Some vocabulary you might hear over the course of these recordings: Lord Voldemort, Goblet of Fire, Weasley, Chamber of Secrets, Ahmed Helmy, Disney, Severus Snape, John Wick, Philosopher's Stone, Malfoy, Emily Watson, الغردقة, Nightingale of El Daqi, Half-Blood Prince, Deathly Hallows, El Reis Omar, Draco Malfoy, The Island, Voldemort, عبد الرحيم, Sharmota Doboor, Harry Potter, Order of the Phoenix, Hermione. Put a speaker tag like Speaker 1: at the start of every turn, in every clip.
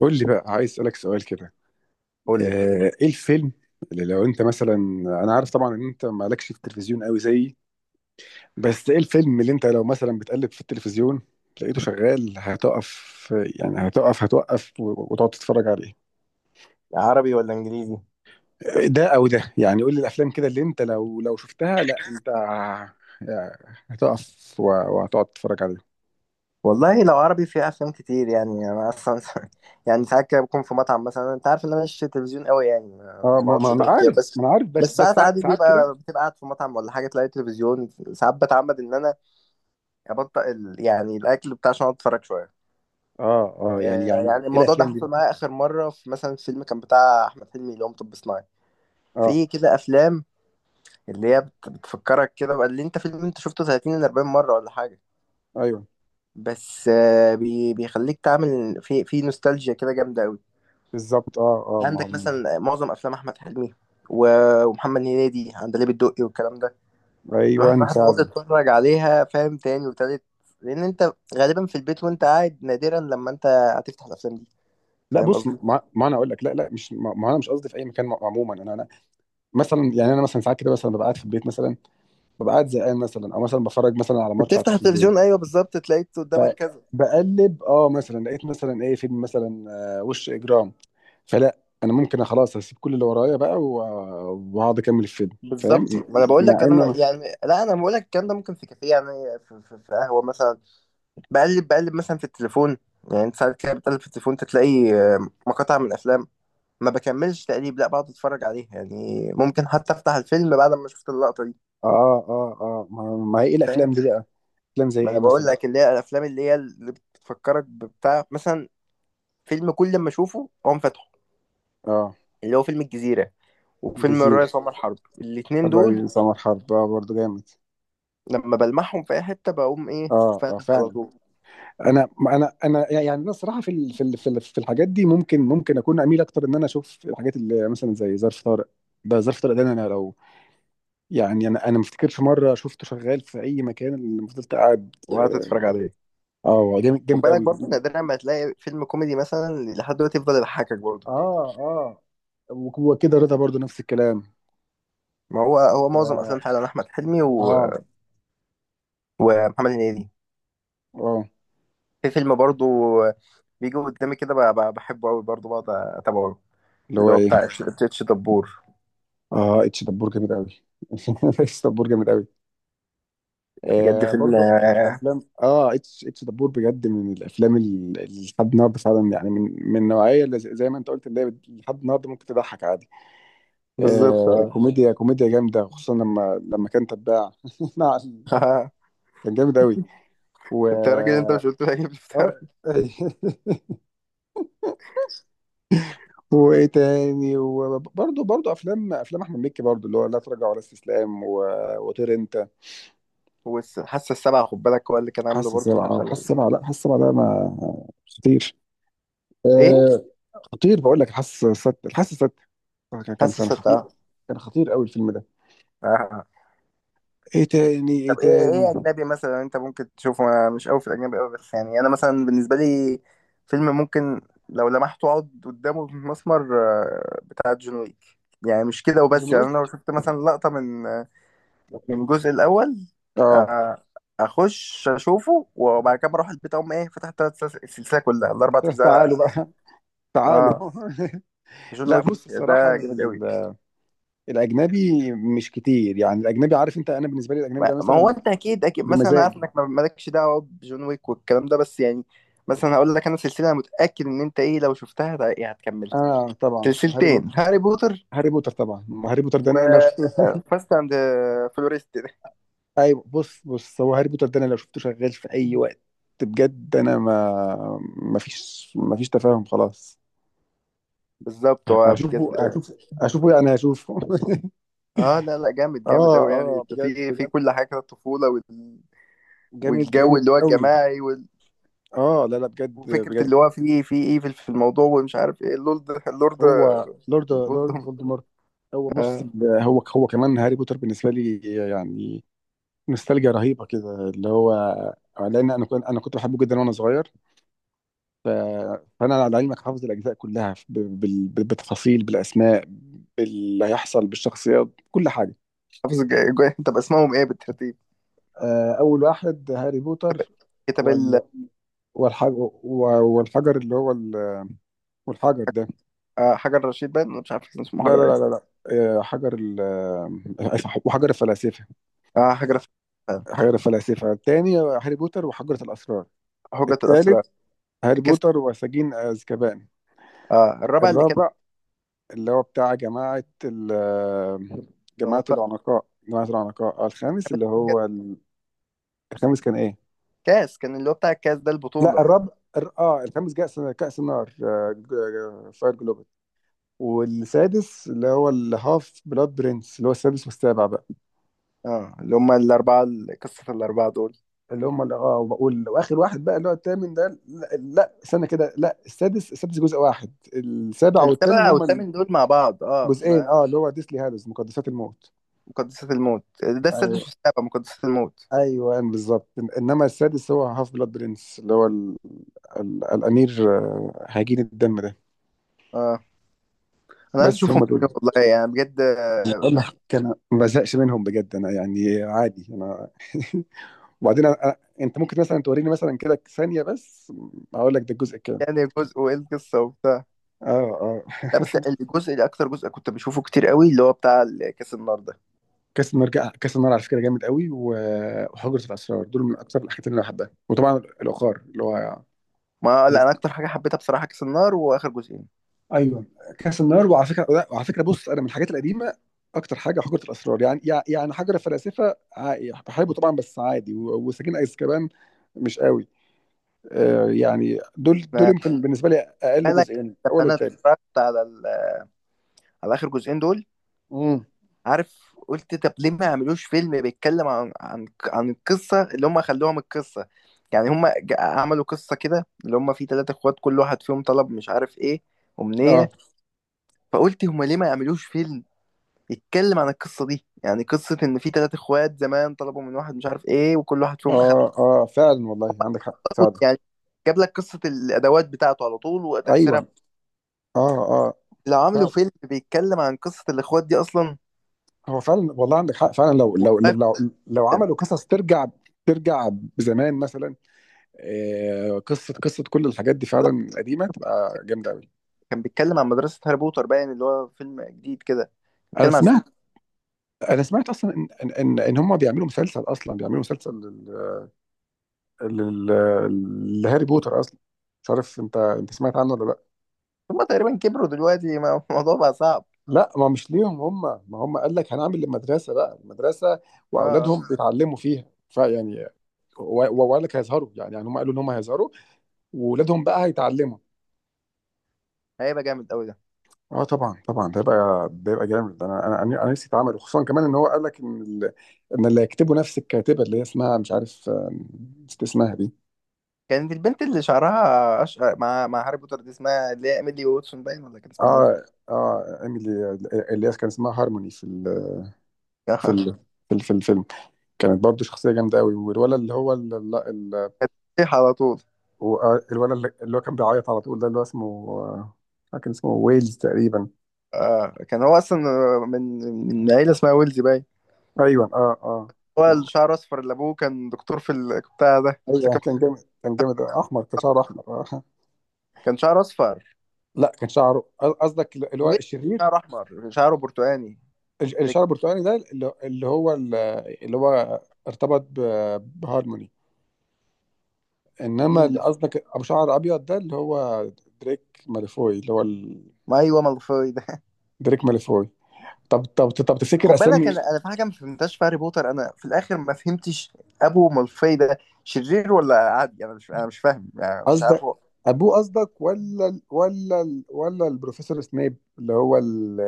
Speaker 1: قول لي بقى عايز اسالك سؤال كده.
Speaker 2: قول لي،
Speaker 1: ايه الفيلم اللي لو انت مثلا، انا عارف طبعا ان انت مالكش في التلفزيون قوي زيي، بس ايه الفيلم اللي انت لو مثلا بتقلب في التلفزيون لقيته شغال هتقف؟ يعني هتقف، هتوقف و- وتقعد تتفرج عليه.
Speaker 2: عربي ولا انجليزي؟
Speaker 1: ده او ده، يعني قول لي الافلام كده اللي انت لو شفتها لا انت هتقف و- وهتقعد تتفرج عليه.
Speaker 2: والله لو عربي في افلام كتير، يعني انا اصلا. يعني ساعات كده بكون في مطعم مثلا، انت عارف ان انا مش تلفزيون قوي، يعني ما
Speaker 1: اه،
Speaker 2: ما
Speaker 1: ما
Speaker 2: بقعدش
Speaker 1: انا
Speaker 2: قدامه كتير
Speaker 1: عارف،
Speaker 2: بس.
Speaker 1: ما انا عارف، بس
Speaker 2: بس ساعات
Speaker 1: ساعات
Speaker 2: عادي
Speaker 1: كده.
Speaker 2: بتبقى قاعد في مطعم ولا حاجه، تلاقي تلفزيون، ساعات بتعمد ان انا ابطئ يعني الاكل بتاع عشان أقعد اتفرج شويه.
Speaker 1: اه اه، يعني
Speaker 2: يعني
Speaker 1: ايه
Speaker 2: الموضوع ده
Speaker 1: الافلام دي
Speaker 2: حصل
Speaker 1: بقى؟
Speaker 2: معايا اخر مره في مثلا فيلم كان بتاع احمد حلمي اللي هو مطب صناعي.
Speaker 1: اه.
Speaker 2: في كده افلام اللي هي بتفكرك كده بقى، اللي انت فيلم انت شفته 30 ل 40 مره ولا حاجه.
Speaker 1: ايوه،
Speaker 2: بس بيخليك تعمل في نوستالجيا كده جامده قوي.
Speaker 1: بالظبط اه اه، ما
Speaker 2: عندك
Speaker 1: هو.
Speaker 2: مثلا معظم افلام احمد حلمي و- ومحمد هنيدي، عندليب الدقي والكلام ده. الواحد
Speaker 1: ايوه
Speaker 2: بقى بيقعد
Speaker 1: فعلا.
Speaker 2: يتفرج عليها، فاهم؟ تاني وتالت، لان انت غالبا في البيت وانت قاعد، نادرا لما انت هتفتح الافلام دي،
Speaker 1: لا
Speaker 2: فاهم
Speaker 1: بص،
Speaker 2: قصدي؟
Speaker 1: ما انا اقول لك، لا لا، مش ما انا مش قصدي في اي مكان، عموما انا انا مثلا، يعني انا مثلا ساعات كده مثلا، ببقى قاعد في البيت مثلا، ببقى قاعد زهقان مثلا، او مثلا بفرج مثلا على ماتش على
Speaker 2: بتفتح
Speaker 1: التلفزيون،
Speaker 2: التلفزيون، ايوه بالظبط، تلاقيت قدامك كذا.
Speaker 1: فبقلب اه، مثلا لقيت مثلا ايه فيلم مثلا، وش اجرام، فلا، انا ممكن خلاص هسيب كل اللي ورايا بقى و- واقعد اكمل الفيلم، فاهم.
Speaker 2: بالظبط، ما انا بقول
Speaker 1: مع
Speaker 2: لك، انا
Speaker 1: ان انا
Speaker 2: يعني لا، انا بقول لك الكلام ده ممكن في كافيه، يعني في قهوه مثلا. بقلب مثلا في التليفون، يعني انت ساعات كده بتقلب في التليفون، تلاقي مقاطع من افلام. ما بكملش تقريب، لا بقعد اتفرج عليها يعني. ممكن حتى افتح الفيلم بعد ما شفت اللقطة دي،
Speaker 1: اه اه اه، ما هي ايه الافلام
Speaker 2: فاهم؟
Speaker 1: دي بقى؟ افلام زي
Speaker 2: ما انا
Speaker 1: ايه
Speaker 2: بقول
Speaker 1: مثلا؟
Speaker 2: لك اللي هي الافلام، اللي بتفكرك ببتاع، مثلا فيلم كل ما اشوفه اقوم فاتحه.
Speaker 1: اه.
Speaker 2: اللي هو فيلم الجزيرة، وفيلم
Speaker 1: جزيرة.
Speaker 2: الريس عمر حرب، الاتنين دول.
Speaker 1: الرئيس عمر حرب اه، برضه جامد.
Speaker 2: لما بلمحهم في اي حتة بقوم ايه،
Speaker 1: اه اه،
Speaker 2: فاتح على
Speaker 1: فعلا.
Speaker 2: طول
Speaker 1: انا يعني انا الصراحه في الحاجات دي، ممكن اكون اميل اكتر ان انا اشوف الحاجات اللي مثلا زي ظرف طارق. ده ظرف طارق ده، انا لو يعني، انا ما افتكرش مره شفته شغال في اي مكان اللي فضلت قاعد.
Speaker 2: وقعدت اتفرج عليه.
Speaker 1: اه. جامد،
Speaker 2: خد
Speaker 1: جامد
Speaker 2: بالك
Speaker 1: قوي.
Speaker 2: برضه، نادرا ما تلاقي فيلم كوميدي مثلا لحد دلوقتي يفضل يضحكك برضه.
Speaker 1: اه اه، وكده رضا برضو نفس الكلام
Speaker 2: ما هو معظم
Speaker 1: و...
Speaker 2: افلام فعلا احمد حلمي و...
Speaker 1: اه
Speaker 2: ومحمد هنيدي.
Speaker 1: اه.
Speaker 2: في فيلم برضو بيجي قدامي كده بحبه قوي برضو، بقعد اتابعه،
Speaker 1: اللي هو
Speaker 2: اللي هو
Speaker 1: ايه؟
Speaker 2: بتاع تتش دبور،
Speaker 1: اه، اتش دبور جامد قوي. اتش دبور جامد قوي.
Speaker 2: بجد
Speaker 1: آه،
Speaker 2: فيلم.
Speaker 1: برضو. افلام، اه اتش، اتش دبور بجد من الافلام اللي لحد النهارده فعلا، يعني من من النوعيه اللي زي ما انت قلت، اللي هي لحد النهارده ممكن تضحك عادي.
Speaker 2: بالظبط
Speaker 1: آه،
Speaker 2: اه.
Speaker 1: كوميديا، كوميديا جامده، خصوصا لما كان تباع مع كان جامد قوي. و
Speaker 2: انت يا راجل، انت مش قلت لي هجيب الفطار؟
Speaker 1: وايه تاني؟ وبرضه افلام، احمد مكي برضه، اللي هو لا تراجع ولا استسلام و... وطير انت.
Speaker 2: وحاسه السبعه خد بالك، هو اللي كان عامله
Speaker 1: حاسه
Speaker 2: برضو، من
Speaker 1: سبعه،
Speaker 2: الافلام
Speaker 1: حاسه سبعه، لا حاسه سبعه ده ما خطير،
Speaker 2: ايه.
Speaker 1: آه، خطير. بقول لك الحاسة السادسة، الحاسة السادسة كان كان
Speaker 2: حاسه
Speaker 1: كان خطير،
Speaker 2: السبعه.
Speaker 1: كان خطير قوي الفيلم ده.
Speaker 2: آه.
Speaker 1: ايه تاني؟ ايه
Speaker 2: طب ايه
Speaker 1: تاني؟
Speaker 2: اجنبي مثلا انت ممكن تشوفه؟ انا مش قوي في الاجنبي قوي، بس يعني انا مثلا بالنسبه لي، فيلم ممكن لو لمحته اقعد قدامه في مسمر، بتاع جون ويك. يعني مش كده وبس، يعني انا لو
Speaker 1: دلوقتي
Speaker 2: شفت مثلا لقطه من من الجزء الاول،
Speaker 1: اه.
Speaker 2: آه، اخش اشوفه وبعد كده بروح البيت اقوم ايه، فتحت السلسله كلها الاربع
Speaker 1: تعالوا
Speaker 2: اجزاء.
Speaker 1: بقى، تعالوا.
Speaker 2: اه، جون
Speaker 1: لا
Speaker 2: ويك
Speaker 1: بص، الصراحة
Speaker 2: ده
Speaker 1: من
Speaker 2: جامد قوي.
Speaker 1: الأجنبي مش كتير، يعني الأجنبي عارف أنت، أنا بالنسبة لي الأجنبي
Speaker 2: ما
Speaker 1: ده
Speaker 2: ما هو
Speaker 1: مثلا
Speaker 2: انت اكيد اكيد مثلا، انا عارف
Speaker 1: بمزاجي.
Speaker 2: انك مالكش دعوه بجون ويك والكلام ده، بس يعني مثلا هقول لك، انا سلسله انا متاكد ان انت ايه لو شفتها يعني هتكملها.
Speaker 1: آه طبعا،
Speaker 2: سلسلتين، هاري بوتر
Speaker 1: هاري بوتر طبعا، ما هاري بوتر ده أنا لو شفته.
Speaker 2: وفاست اند فلوريست ده.
Speaker 1: أيوه، بص بص، هو هاري بوتر ده أنا لو شفته شغال في أي وقت، بجد أنا ما، ما فيش، ما فيش تفاهم خلاص،
Speaker 2: بالظبط، هو
Speaker 1: هشوفه
Speaker 2: بجد
Speaker 1: هشوفه هشوفه يعني، هشوفه.
Speaker 2: اه لا لا جامد جامد
Speaker 1: اه
Speaker 2: قوي، يعني
Speaker 1: اه،
Speaker 2: انت
Speaker 1: بجد
Speaker 2: في في
Speaker 1: بجد،
Speaker 2: كل حاجه، الطفوله وال...
Speaker 1: جامد
Speaker 2: والجو
Speaker 1: جامد
Speaker 2: اللي هو
Speaker 1: قوي.
Speaker 2: الجماعي وال...
Speaker 1: اه لا لا، بجد
Speaker 2: وفكره اللي
Speaker 1: بجد.
Speaker 2: هو في في ايفل في الموضوع، ومش عارف ايه، اللورد اللورد
Speaker 1: هو لورد، لورد
Speaker 2: اللورد
Speaker 1: فولدمورت. هو بص
Speaker 2: آه،
Speaker 1: هو كمان هاري بوتر بالنسبه لي يعني، نوستالجيا رهيبه كده اللي هو، لان انا كنت، بحبه جدا وانا صغير، ف- فانا على علمك حافظ الاجزاء كلها ب- بال- بالتفاصيل، بالاسماء، باللي هيحصل، بالشخصيات، كل حاجه.
Speaker 2: حافظ طب اسمهم ايه بالترتيب؟
Speaker 1: اول واحد هاري بوتر
Speaker 2: كتاب
Speaker 1: والحجر، والحجر ده.
Speaker 2: حجر رشيد باين، مش عارف كان اسمه
Speaker 1: لا لا
Speaker 2: حجر
Speaker 1: لا
Speaker 2: ايه.
Speaker 1: لا لا. آه، حجر ال... آه، وحجر الفلاسفة.
Speaker 2: آه حجر، فعلا.
Speaker 1: حجر الفلاسفة. التاني هاري بوتر وحجرة الأسرار.
Speaker 2: هجة الأسرى.
Speaker 1: التالت هاري
Speaker 2: كاس
Speaker 1: بوتر وسجين أزكبان.
Speaker 2: الرابع اللي كان.
Speaker 1: الرابع اللي هو بتاع جماعة العنقاء، جماعة العنقاء. آه، الخامس اللي
Speaker 2: كان-
Speaker 1: هو الخامس كان إيه؟
Speaker 2: كاس كان اللي هو بتاع الكاس ده،
Speaker 1: لا
Speaker 2: البطولة.
Speaker 1: الرابع، الخامس كأس، كأس النار، فاير جلوبال. والسادس اللي هو الهاف بلاد برنس، اللي هو السادس، والسابع بقى
Speaker 2: اه، اللي هم الأربعة قصة الأربعة دول.
Speaker 1: اللي هم، اللي اه، وبقول واخر واحد بقى اللي هو الثامن ده، لا, لا، استنى كده، لا السادس، السادس جزء واحد، السابع والثامن
Speaker 2: السبعة
Speaker 1: هم
Speaker 2: والثامن دول مع بعض اه
Speaker 1: الجزئين، اه، اللي هو ديسلي هالوز، مقدسات الموت.
Speaker 2: مقدسات الموت ده السادس
Speaker 1: أي-
Speaker 2: والسابع، مقدسات الموت.
Speaker 1: ايوه بالظبط. انما السادس هو هاف بلاد برنس، اللي هو الامير، هجين الدم ده.
Speaker 2: اه، أنا عايز
Speaker 1: بس
Speaker 2: أشوفهم
Speaker 1: هم دول.
Speaker 2: تاني والله، يعني بجد
Speaker 1: بقول لك انا ما بزهقش منهم بجد، انا يعني عادي انا. وبعدين انت ممكن مثلا توريني مثلا كده ثانيه بس اقول لك ده الجزء كام.
Speaker 2: يعني جزء وإيه القصة وبتاع.
Speaker 1: اه اه.
Speaker 2: لا بس الجزء، اللي أكتر جزء كنت بشوفه كتير قوي، اللي هو بتاع كاس النار ده.
Speaker 1: كاس النار، كاس النار على فكره جامد قوي، و- وحجره الاسرار دول من اكثر الحاجات اللي انا بحبها، وطبعا العقار اللي هو
Speaker 2: ما لا، أنا
Speaker 1: ديزني.
Speaker 2: أكتر حاجة حبيتها بصراحة كاس النار وآخر جزئين.
Speaker 1: ايوه. كاس النار، وعلى فكره لا، وعلى فكره بص انا من الحاجات القديمه اكتر حاجه حجره الاسرار، يعني حجر فلاسفه بحبه طبعا بس عادي، وسجين ايزكبان مش قوي، آه يعني دول يمكن بالنسبه لي اقل
Speaker 2: فعلا،
Speaker 1: جزئين،
Speaker 2: لما
Speaker 1: الاول
Speaker 2: انا
Speaker 1: والثاني.
Speaker 2: اتفرجت على على اخر جزئين دول،
Speaker 1: امم.
Speaker 2: عارف قلت طب ليه ما يعملوش فيلم بيتكلم عن القصه اللي هم خلوها من القصه. يعني هم عملوا قصه كده اللي هم فيه ثلاثة اخوات، كل واحد فيهم طلب مش عارف ايه،
Speaker 1: اه
Speaker 2: امنيه. فقلت هم ليه ما يعملوش فيلم يتكلم عن القصه دي، يعني قصه ان في ثلاثة اخوات زمان طلبوا من واحد مش عارف ايه، وكل واحد فيهم اخد
Speaker 1: اه اه، فعلا والله عندك حق
Speaker 2: طلبه.
Speaker 1: فعلا.
Speaker 2: يعني جاب لك قصه الادوات بتاعته على طول وتاثيرها.
Speaker 1: ايوه. اه اه.
Speaker 2: لو عملوا فيلم بيتكلم عن قصه الاخوات دي اصلا
Speaker 1: هو فعلا والله عندك حق فعلا، لو
Speaker 2: والله.
Speaker 1: لو عملوا قصص ترجع، ترجع زمان مثلا، قصه كل الحاجات دي فعلا قديمه، تبقى جامده قوي.
Speaker 2: كان بيتكلم عن مدرسة هاري بوتر باين، اللي هو فيلم جديد كده
Speaker 1: انا
Speaker 2: بيتكلم عن.
Speaker 1: سمعت، انا سمعت اصلا ان إن هم بيعملوا مسلسل، اصلا بيعملوا مسلسل لل- لل- لهاري بوتر اصلا، مش عارف انت، انت سمعت عنه ولا لا؟
Speaker 2: هما تقريبا كبروا دلوقتي الموضوع بقى صعب.
Speaker 1: لا ما مش ليهم هم، ما هم قال لك هنعمل المدرسه بقى، المدرسه
Speaker 2: اه،
Speaker 1: واولادهم بيتعلموا فيها فيعني، و- و- وقال لك هيظهروا يعني، يعني هم قالوا ان هم هيظهروا واولادهم بقى هيتعلموا.
Speaker 2: هيبقى جامد قوي ده.
Speaker 1: اه طبعا طبعا، ده يبقى، ده يبقى جامد، انا انا انا أنا نفسي اتعمل، وخصوصا كمان ان هو قال لك ان ان اللي هيكتبه نفس الكاتبه، اللي هي اسمها مش عارف نسيت اسمها دي.
Speaker 2: كانت البنت اللي شعرها أشقر مع هاري بوتر دي، اسمها اللي هي إيميلي واتسون باين ولا كان اسمها ايه؟
Speaker 1: اه اه، ايميلي، اللي هي كان اسمها هارموني في في ال... الفيلم، كانت برضو شخصيه جامده قوي. والولد اللي هو ال... ال... ال...
Speaker 2: كانت بتطيح على طول.
Speaker 1: هو- آه، الولد اللي اللي هو كان بيعيط على طول ده، اللي هو اسمه، كان اسمه ويلز تقريبا.
Speaker 2: آه، كان هو أصلا من من عيلة اسمها ويلزي باين.
Speaker 1: ايوه اه اه.
Speaker 2: هو
Speaker 1: كان،
Speaker 2: الشعر أصفر، اللي أبوه كان دكتور في البتاع ده، اللي
Speaker 1: ايوه
Speaker 2: كان
Speaker 1: كان جامد، كان جامد احمر، كان شعره احمر
Speaker 2: كان شعر أصفر.
Speaker 1: لا كان شعره، قصدك اللي هو
Speaker 2: ويلزي،
Speaker 1: الشرير،
Speaker 2: شعر أحمر شعره برتقاني. لكن
Speaker 1: الشعر البرتقالي ده، اللي اللي هو ارتبط ب- بهارموني، انما
Speaker 2: مين
Speaker 1: اللي
Speaker 2: ده؟
Speaker 1: قصدك ابو شعر ابيض ده، اللي هو دريك ماليفوي، اللي هو
Speaker 2: ما أيوه، مالفوي ده.
Speaker 1: دريك ماليفوي. طب تفتكر
Speaker 2: خد بالك
Speaker 1: اسامي.
Speaker 2: انا في حاجه ما فهمتهاش في هاري بوتر، انا في الاخر ما فهمتش ابو مالفاي ده شرير ولا عادي؟ انا مش فاهم، يعني مش عارف
Speaker 1: قصدك
Speaker 2: هو.
Speaker 1: ابوه قصدك، ولا البروفيسور سنيب، اللي هو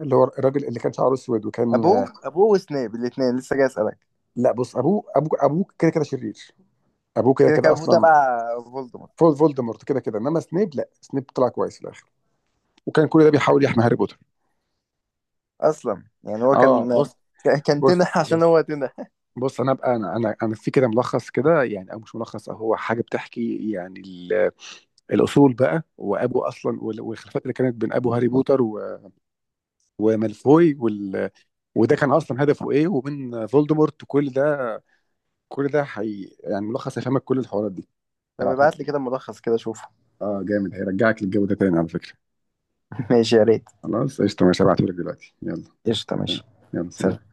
Speaker 1: اللي هو الراجل اللي كان شعره اسود وكان.
Speaker 2: ابوه، ابوه وسنيب الاثنين لسه جاي اسالك.
Speaker 1: لا بص، ابوه كده كده شرير، ابوه كده
Speaker 2: كده كان
Speaker 1: كده
Speaker 2: ابوه
Speaker 1: اصلا.
Speaker 2: تبع فولدمورت
Speaker 1: فولدمورت كده كده، انما سنيب لا، سنيب طلع كويس في الاخر، وكان كل ده بيحاول يحمي هاري بوتر.
Speaker 2: اصلا، يعني هو
Speaker 1: اه
Speaker 2: كان
Speaker 1: بص،
Speaker 2: كان تنح
Speaker 1: بص
Speaker 2: عشان
Speaker 1: بص
Speaker 2: هو تنح.
Speaker 1: بص انا ابقى، انا في كده ملخص كده يعني، او مش ملخص أو هو حاجه بتحكي يعني، الاصول بقى، وابو اصلا، والخلافات اللي كانت بين ابو هاري بوتر ومالفوي وال، وده كان اصلا هدفه ايه، ومن فولدمورت كل ده، كل ده حي يعني، ملخص هيفهمك كل الحوارات دي.
Speaker 2: طب ابعت لي
Speaker 1: هبعتهولك،
Speaker 2: كده ملخص كده اشوفه.
Speaker 1: اه جامد، هيرجعك للجو ده تاني على فكره.
Speaker 2: ماشي يا ريت.
Speaker 1: خلاص قشطه ماشي، هبعتهولك دلوقتي، يلا.
Speaker 2: قشطه، ماشي.
Speaker 1: يلا سلام.
Speaker 2: سلام.